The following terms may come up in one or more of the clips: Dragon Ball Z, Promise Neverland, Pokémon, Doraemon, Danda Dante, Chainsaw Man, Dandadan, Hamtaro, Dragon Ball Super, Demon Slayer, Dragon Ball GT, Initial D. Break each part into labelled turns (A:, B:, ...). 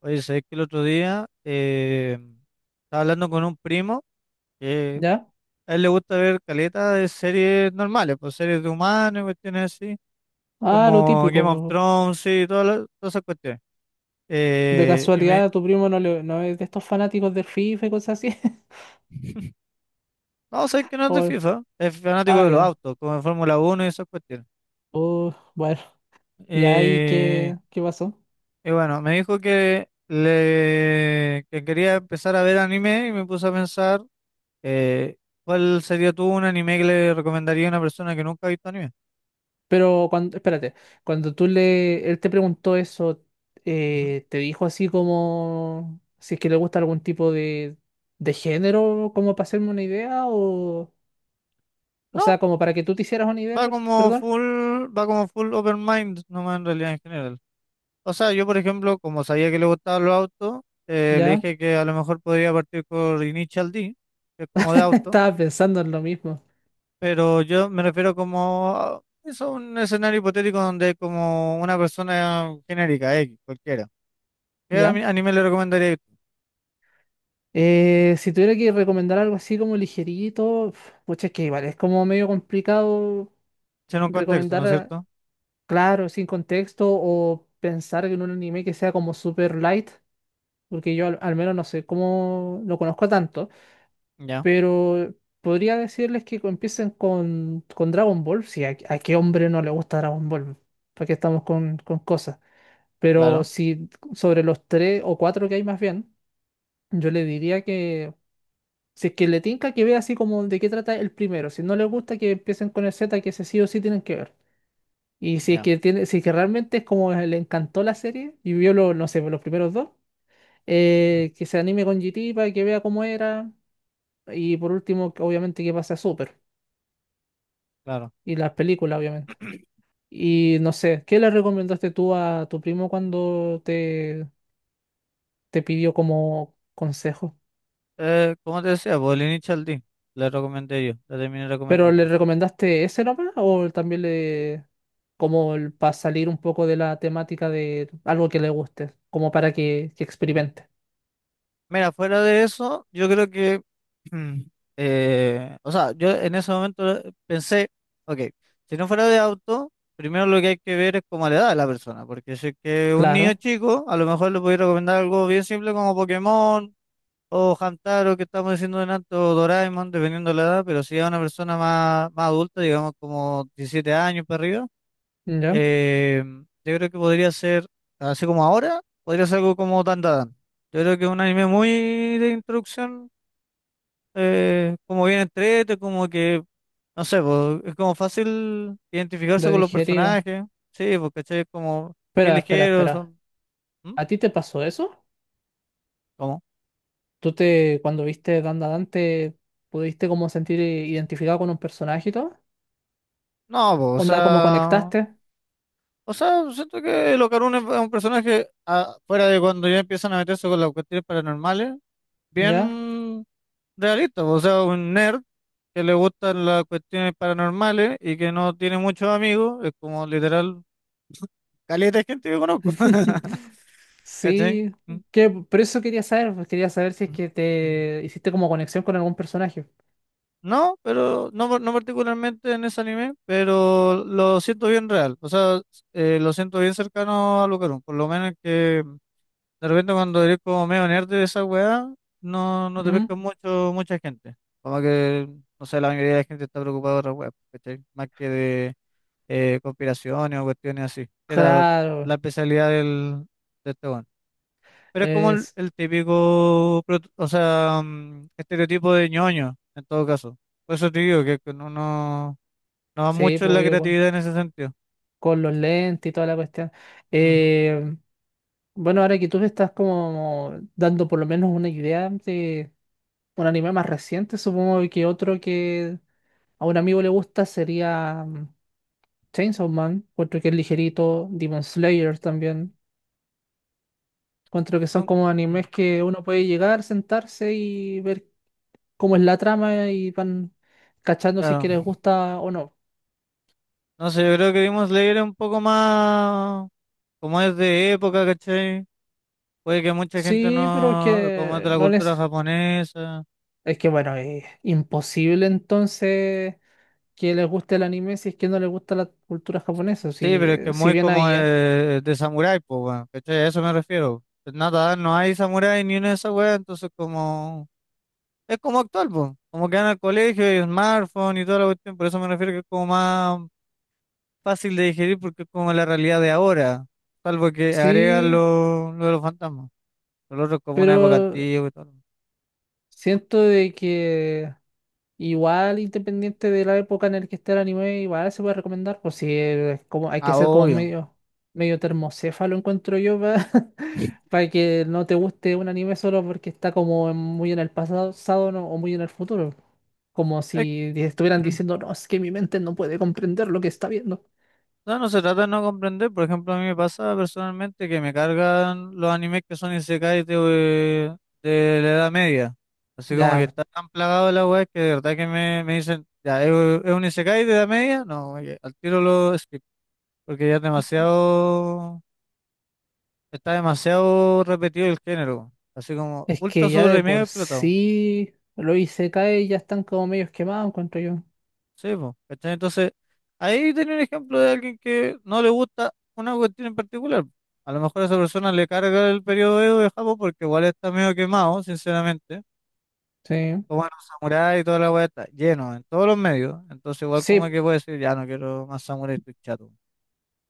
A: Oye, sabés que el otro día estaba hablando con un primo que
B: ¿Ya?
A: a él le gusta ver caleta de series normales, pues series de humanos y cuestiones así,
B: Ah, lo
A: como Game of
B: típico.
A: Thrones y todas, todas esas cuestiones.
B: De
A: Eh, y
B: casualidad
A: me,
B: a tu primo no, no es de estos fanáticos del FIFA y cosas así.
A: no, sabés que no es de
B: O,
A: FIFA, es fanático de los
B: ya.
A: autos, como de Fórmula 1 y esas cuestiones.
B: Oh, bueno. Ya, ¿y
A: Eh,
B: qué pasó?
A: y bueno, me dijo que quería empezar a ver anime y me puse a pensar. Eh, ¿Cuál sería tú un anime que le recomendaría a una persona que nunca ha visto anime?
B: Pero cuando, espérate, cuando él te preguntó eso,
A: Ujú.
B: ¿te dijo así como si es que le gusta algún tipo de género, como para hacerme una idea? O
A: No,
B: sea, como para que tú te hicieras una idea,
A: va como
B: perdón.
A: full, va como full open mind, nomás en realidad en general. O sea, yo por ejemplo, como sabía que le gustaban los autos, le
B: Ya,
A: dije que a lo mejor podría partir por Initial D, que es como de auto,
B: estaba pensando en lo mismo.
A: pero yo me refiero como a eso, un escenario hipotético donde como una persona genérica, X, cualquiera. ¿Qué
B: ¿Ya?
A: anime le recomendaría?
B: Si tuviera que recomendar algo así como ligerito, pucha, es que igual es como medio complicado
A: En un contexto, ¿no
B: recomendar,
A: es cierto?
B: claro, sin contexto o pensar en un anime que sea como super light, porque yo al menos no sé cómo lo conozco tanto,
A: Ya,
B: pero podría decirles que empiecen con Dragon Ball, si a qué hombre no le gusta Dragon Ball, porque estamos con cosas, pero
A: claro,
B: si sobre los tres o cuatro que hay más bien, yo le diría si es que le tinca que vea así como de qué trata el primero. Si no le gusta que empiecen con el Z, que ese sí o sí tienen que ver. Y si es
A: ya,
B: que tiene, si es que realmente es como le encantó la serie y vio los, no sé, los primeros dos,
A: ujú,
B: que se anime con GT para que vea cómo era. Y por último, que obviamente que pase a Super.
A: claro.
B: Y las películas, obviamente. Y no sé, ¿qué le recomendaste tú a tu primo cuando te pidió como consejo?
A: Como te decía, pues el Initial D, la recomendé yo, la terminé
B: ¿Pero le
A: recomendando.
B: recomendaste ese nomás o también le... como el, para salir un poco de la temática de algo que le guste, como para que experimente?
A: Mira, fuera de eso, yo creo que, o sea, yo en ese momento pensé, ok, si no fuera de auto, primero lo que hay que ver es como la edad de la persona, porque si es que un niño
B: Claro,
A: chico, a lo mejor le podría recomendar algo bien simple como Pokémon o Hamtaro, que estamos diciendo delante, o Doraemon, dependiendo de la edad, pero si es una persona más adulta, digamos como 17 años para arriba.
B: ¿ya?
A: Eh, yo creo que podría ser, así como ahora, podría ser algo como Dandadan. Yo creo que es un anime muy de introducción, como bien entrete, como que, no sé, po, es como fácil identificarse
B: De
A: con los
B: digerir.
A: personajes. Sí, porque es como bien
B: Espera, espera,
A: ligeros,
B: espera.
A: son... ¿Mm?
B: ¿A ti te pasó eso?
A: ¿Cómo?
B: Cuando viste Danda Dante, pudiste como sentir identificado con un personaje y todo?
A: No, po, o
B: ¿Onda como
A: sea...
B: conectaste?
A: O sea, siento que Locarune es un personaje, fuera de cuando ya empiezan a meterse con las cuestiones paranormales,
B: ¿Ya?
A: bien realista, po, o sea, un nerd que le gustan las cuestiones paranormales y que no tiene muchos amigos, es como literal, caleta de gente que conozco. ¿Cachai?
B: Sí,
A: Mm,
B: que por eso quería saber, pues, quería saber si es
A: mm,
B: que
A: mm.
B: te hiciste como conexión con algún personaje.
A: No, pero no, no particularmente en ese anime, pero lo siento bien real. O sea, lo siento bien cercano a Lucarum. Por lo menos que de repente cuando eres como medio nerd de esa weá, no, no te pesca
B: Ujú.
A: mucho, mucha gente. Como que, no sé, la mayoría de la gente está preocupada de otra weá, ¿cachai? Más que de conspiraciones o cuestiones así. Era la
B: Claro,
A: especialidad de este weón. Pero es como el,
B: es,
A: el típico, o sea, estereotipo de ñoño, en todo caso. Por eso te digo que no va
B: sí,
A: mucho en
B: pues,
A: la
B: obvio,
A: creatividad en ese sentido.
B: con los lentes y toda la cuestión.
A: Ujú.
B: Eh, bueno, ahora que tú me estás como dando por lo menos una idea de un anime más reciente, supongo que otro que a un amigo le gusta sería mm, Chainsaw Man, otro que es ligerito, Demon Slayer también. Encuentro que son
A: Nun-
B: como
A: mm,
B: animes que uno puede llegar, sentarse y ver cómo es la trama y van cachando si es
A: Claro.
B: que les gusta o no.
A: No sé, yo creo que Demon Slayer es un poco más, como es de época, ¿cachai? Puede que mucha gente
B: Sí, pero es
A: no, como es
B: que
A: de la
B: no
A: cultura
B: les...
A: japonesa.
B: Es que bueno, es imposible entonces que les guste el anime si es que no les gusta la cultura japonesa.
A: Sí,
B: Si,
A: pero es que es
B: si
A: muy
B: bien
A: como
B: ahí,
A: de samurái, pues, weón, ¿cachai? A eso me refiero. Pues nada, no hay samurái ni una de esas weas, entonces como... Es como actual, pues. Como que van al colegio y smartphone y toda la cuestión, por eso me refiero que es como más fácil de digerir porque es como la realidad de ahora, salvo que agregan
B: sí,
A: lo de los fantasmas. Lo otro es como una época
B: pero
A: antigua y todo.
B: siento de que igual independiente de la época en la que esté el anime, igual se puede recomendar, pues si es como, hay que
A: Ah,
B: ser como
A: obvio.
B: medio, medio termocéfalo, encuentro yo, para que no te guste un anime solo porque está como muy en el pasado ¿no? o muy en el futuro, como si estuvieran diciendo, no, es que mi mente no puede comprender lo que está viendo.
A: No, no se trata de no comprender. Por ejemplo, a mí me pasa personalmente que me cargan los animes que son isekais de la Edad Media. Así como que
B: Ya,
A: está tan plagado de la web que de verdad que me dicen, ya, ¿es un isekai de Edad Media? No, oye, al tiro lo skip, porque ya es demasiado, está demasiado repetido el género. Así como
B: es
A: ultra
B: que ya de
A: sobre mega
B: por
A: explotado.
B: sí lo hice caer y ya están como medios quemados, encuentro yo.
A: Sí, po, ¿cachai? Entonces, ahí tenía un ejemplo de alguien que no le gusta una cuestión en particular. A lo mejor a esa persona le carga el periodo Edo de Japón porque igual está medio quemado, sinceramente.
B: Sí.
A: O bueno, samurái y toda la weá está lleno en todos los medios. Entonces, igual como
B: Sí,
A: que puede decir, ya no quiero más samurái, estoy chato.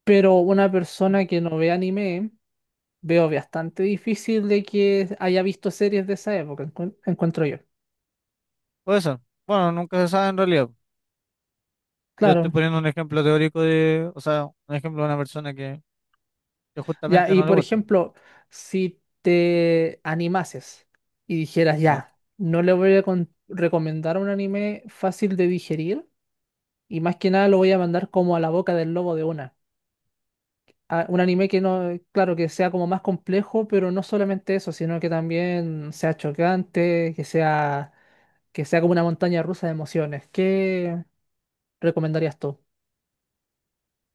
B: pero una
A: Mm,
B: persona que no ve anime, veo bastante difícil de que haya visto series de esa época, encuentro yo.
A: Puede ser. Bueno, nunca se sabe en realidad. Yo estoy
B: Claro.
A: poniendo un ejemplo teórico de, o sea, un ejemplo de una persona que,
B: Ya,
A: justamente
B: y
A: no le
B: por
A: gusta.
B: ejemplo, si te animases y dijeras,
A: Ya.
B: ya, no le voy a recomendar un anime fácil de digerir, y más que nada lo voy a mandar como a la boca del lobo de una. Un anime que no, claro, que sea como más complejo, pero no solamente eso, sino que también sea chocante, que sea como una montaña rusa de emociones. ¿Qué recomendarías tú?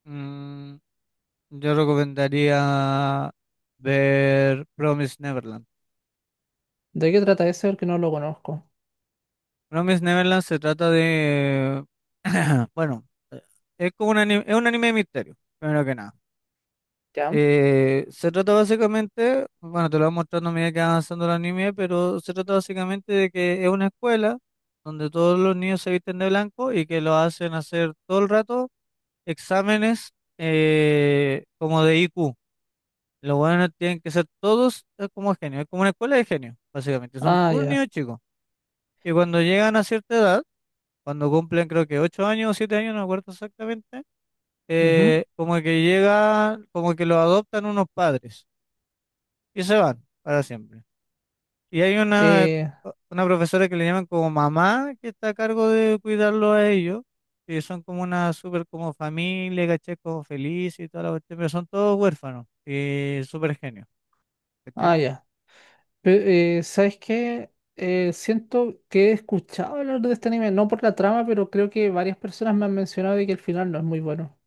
A: Mm, Yo recomendaría ver Promise Neverland.
B: ¿De qué trata ese? Porque no lo conozco.
A: Promise Neverland se trata de, bueno, es un anime de misterio, primero que nada.
B: ¿Ya?
A: Se trata básicamente, bueno, te lo voy mostrando a medida que va avanzando el anime, pero se trata básicamente de que es una escuela donde todos los niños se visten de blanco y que lo hacen hacer todo el rato exámenes como de IQ. Los buenos tienen que ser todos como genios, es como una escuela de genios, básicamente, son
B: Ah,
A: puros
B: ya.
A: niños chicos. Y cuando llegan a cierta edad, cuando cumplen creo que 8 años o 7 años, no me acuerdo exactamente,
B: Ujú.
A: como que los adoptan unos padres y se van para siempre. Y hay una,
B: Eh,
A: una profesora que le llaman como mamá, que está a cargo de cuidarlo a ellos, y son como una súper como familia, ¿cachai? Como feliz y toda la cuestión, pero son todos huérfanos y súper genios.
B: ah, ya. ¿Sabes qué? Siento que he escuchado hablar de este anime, no por la trama, pero creo que varias personas me han mencionado de que el final no es muy bueno.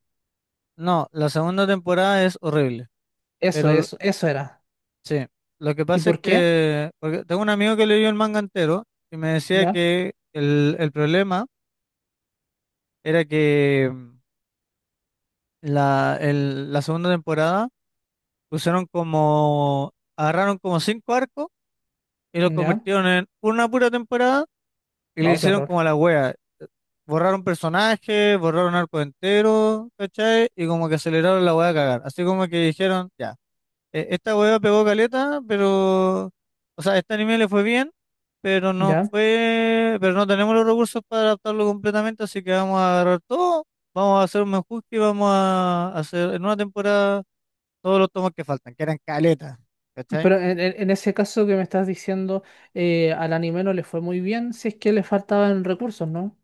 A: No, la segunda temporada es horrible,
B: Eso,
A: pero
B: eso, eso era.
A: sí, lo que
B: ¿Y
A: pasa es
B: por qué?
A: que, porque tengo un amigo que leyó el manga entero y me decía
B: Ya,
A: que el problema era que la segunda temporada pusieron como, agarraron como cinco arcos y los
B: ya.
A: convirtieron en una pura temporada y le
B: No, qué
A: hicieron
B: horror.
A: como a la wea, borraron personajes, borraron arco entero, ¿cachai? Y como que aceleraron la wea a cagar, así como que dijeron, ya. Esta hueá pegó caleta, pero, o sea, este anime le fue bien, pero no
B: Ya.
A: fue, pero no tenemos los recursos para adaptarlo completamente, así que vamos a agarrar todo, vamos a hacer un menjurje y vamos a hacer en una temporada todos los tomos que faltan, que eran caleta, ¿cachai?
B: Pero en ese caso que me estás diciendo, al anime no le fue muy bien, si es que le faltaban recursos, ¿no?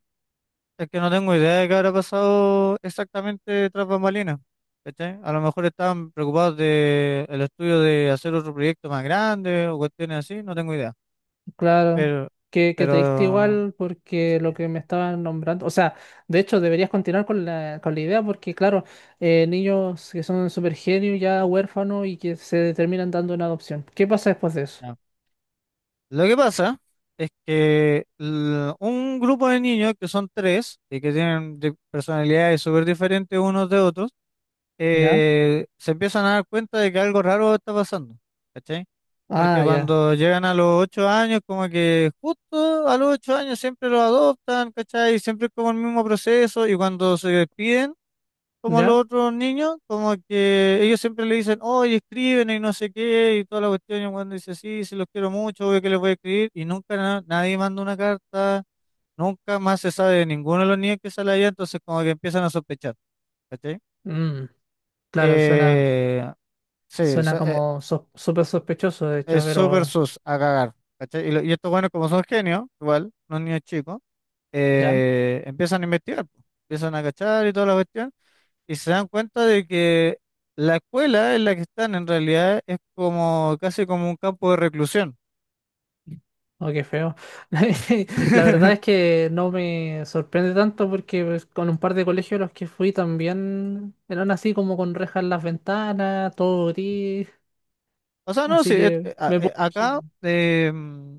A: Es que no tengo idea de qué habrá pasado exactamente tras bambalinas, ¿cachai? A lo mejor estaban preocupados de el estudio de hacer otro proyecto más grande o cuestiones así, no tengo idea,
B: Claro.
A: pero,
B: Que te diste
A: pero...
B: igual
A: Sí.
B: porque lo que me estaban nombrando. O sea, de hecho, deberías continuar con la idea porque, claro, niños que son super genios, ya huérfanos y que se terminan dando en adopción. ¿Qué pasa después de eso?
A: Lo que pasa es que un grupo de niños, que son tres y que tienen personalidades súper diferentes unos de otros,
B: ¿Ya?
A: se empiezan a dar cuenta de que algo raro está pasando, ¿cachai? Porque
B: Ah, ya.
A: cuando llegan a los 8 años, como que justo a los 8 años siempre los adoptan, ¿cachai? Siempre es como el mismo proceso y cuando se despiden como los
B: ¿Ya?
A: otros niños, como que ellos siempre le dicen, oye, escriben y no sé qué, y toda la cuestión, y el weón dice, sí, sí, los quiero mucho, obvio que les voy a escribir, y nunca nadie manda una carta, nunca más se sabe de ninguno de los niños que sale allá, entonces como que empiezan a sospechar, ¿cachai?
B: Mm, claro, suena.
A: Eh, sí,
B: Suena como súper sospechoso, de hecho,
A: es súper
B: pero
A: sus a cagar, ¿cachai? Y estos buenos como son genios, igual, los niños chicos,
B: ya,
A: empiezan a investigar, po, empiezan a cachar y toda la cuestión. Y se dan cuenta de que la escuela en la que están en realidad es como casi como un campo de reclusión.
B: o qué feo. La verdad es que no me sorprende tanto porque pues, con un par de colegios a los que fui también eran así como con rejas en las ventanas, todo gris,
A: O sea, no, sí,
B: así que me puedo...
A: acá
B: imaginar.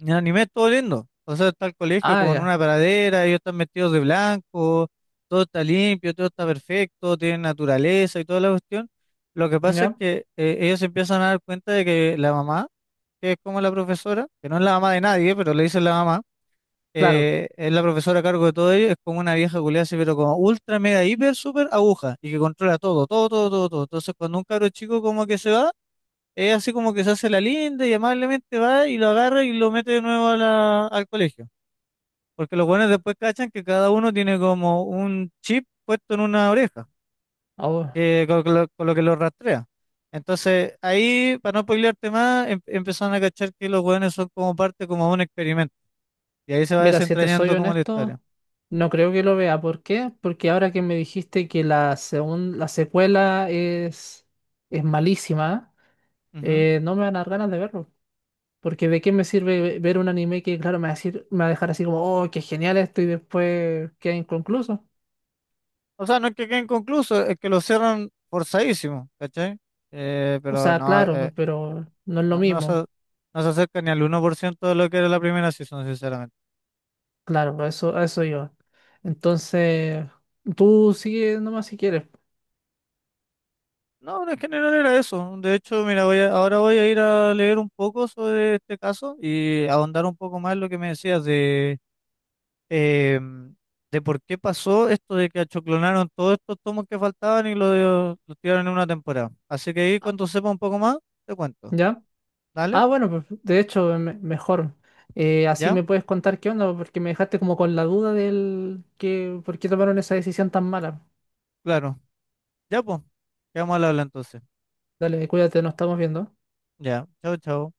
A: en anime es todo lindo. O sea, está el colegio
B: Ah,
A: como en una
B: ya,
A: pradera, ellos están vestidos de blanco, todo está limpio, todo está perfecto, tienen naturaleza y toda la cuestión. Lo que pasa es
B: ya,
A: que ellos se empiezan a dar cuenta de que la mamá, que es como la profesora, que no es la mamá de nadie, pero le dicen la mamá,
B: claro.
A: es la profesora a cargo de todo ello, es como una vieja culiada así, pero como ultra, mega, hiper, super aguja, y que controla todo, todo, todo, todo, todo. Entonces, cuando un cabro chico como que se va, es así como que se hace la linda y amablemente va y lo agarra y lo mete de nuevo a al colegio. Porque los buenos después cachan que cada uno tiene como un chip puesto en una oreja,
B: Oh,
A: que, con lo que lo rastrea. Entonces, ahí, para no spoilearte más, empezaron a cachar que los buenos son como parte como un experimento. Y ahí se va
B: mira, si te soy
A: desentrañando como la historia.
B: honesto, no creo que lo vea. ¿Por qué? Porque ahora que me dijiste que la secuela es malísima.
A: Ujú.
B: No me van a dar ganas de verlo. Porque de qué me sirve ver un anime que, claro, me va a decir, me va a dejar así como, oh, qué genial esto y después queda inconcluso.
A: O sea, no es que quede inconcluso, es que lo cierran forzadísimo, ¿cachai?
B: O
A: Pero
B: sea,
A: no,
B: claro, pero no es lo mismo.
A: no se acerca ni al 1% de lo que era la primera season, sinceramente.
B: Claro, a eso iba. Entonces, tú sigue nomás si quieres.
A: No, en general era eso. De hecho, mira, ahora voy a ir a leer un poco sobre este caso y ahondar un poco más en lo que me decías eh, de por qué pasó esto de que achoclonaron todos estos tomos que faltaban y los tiraron en una temporada. Así que ahí
B: Ah,
A: cuando sepa un poco más, te cuento.
B: ¿ya?
A: ¿Dale?
B: Ah, bueno, pues, de hecho, mejor. Así
A: ¿Ya?
B: me puedes contar qué onda, porque me dejaste como con la duda del que, por qué tomaron esa decisión tan mala.
A: Claro. Ya, pues, quedamos al habla entonces.
B: Dale, cuídate, nos estamos viendo.
A: Ya, chao, chao.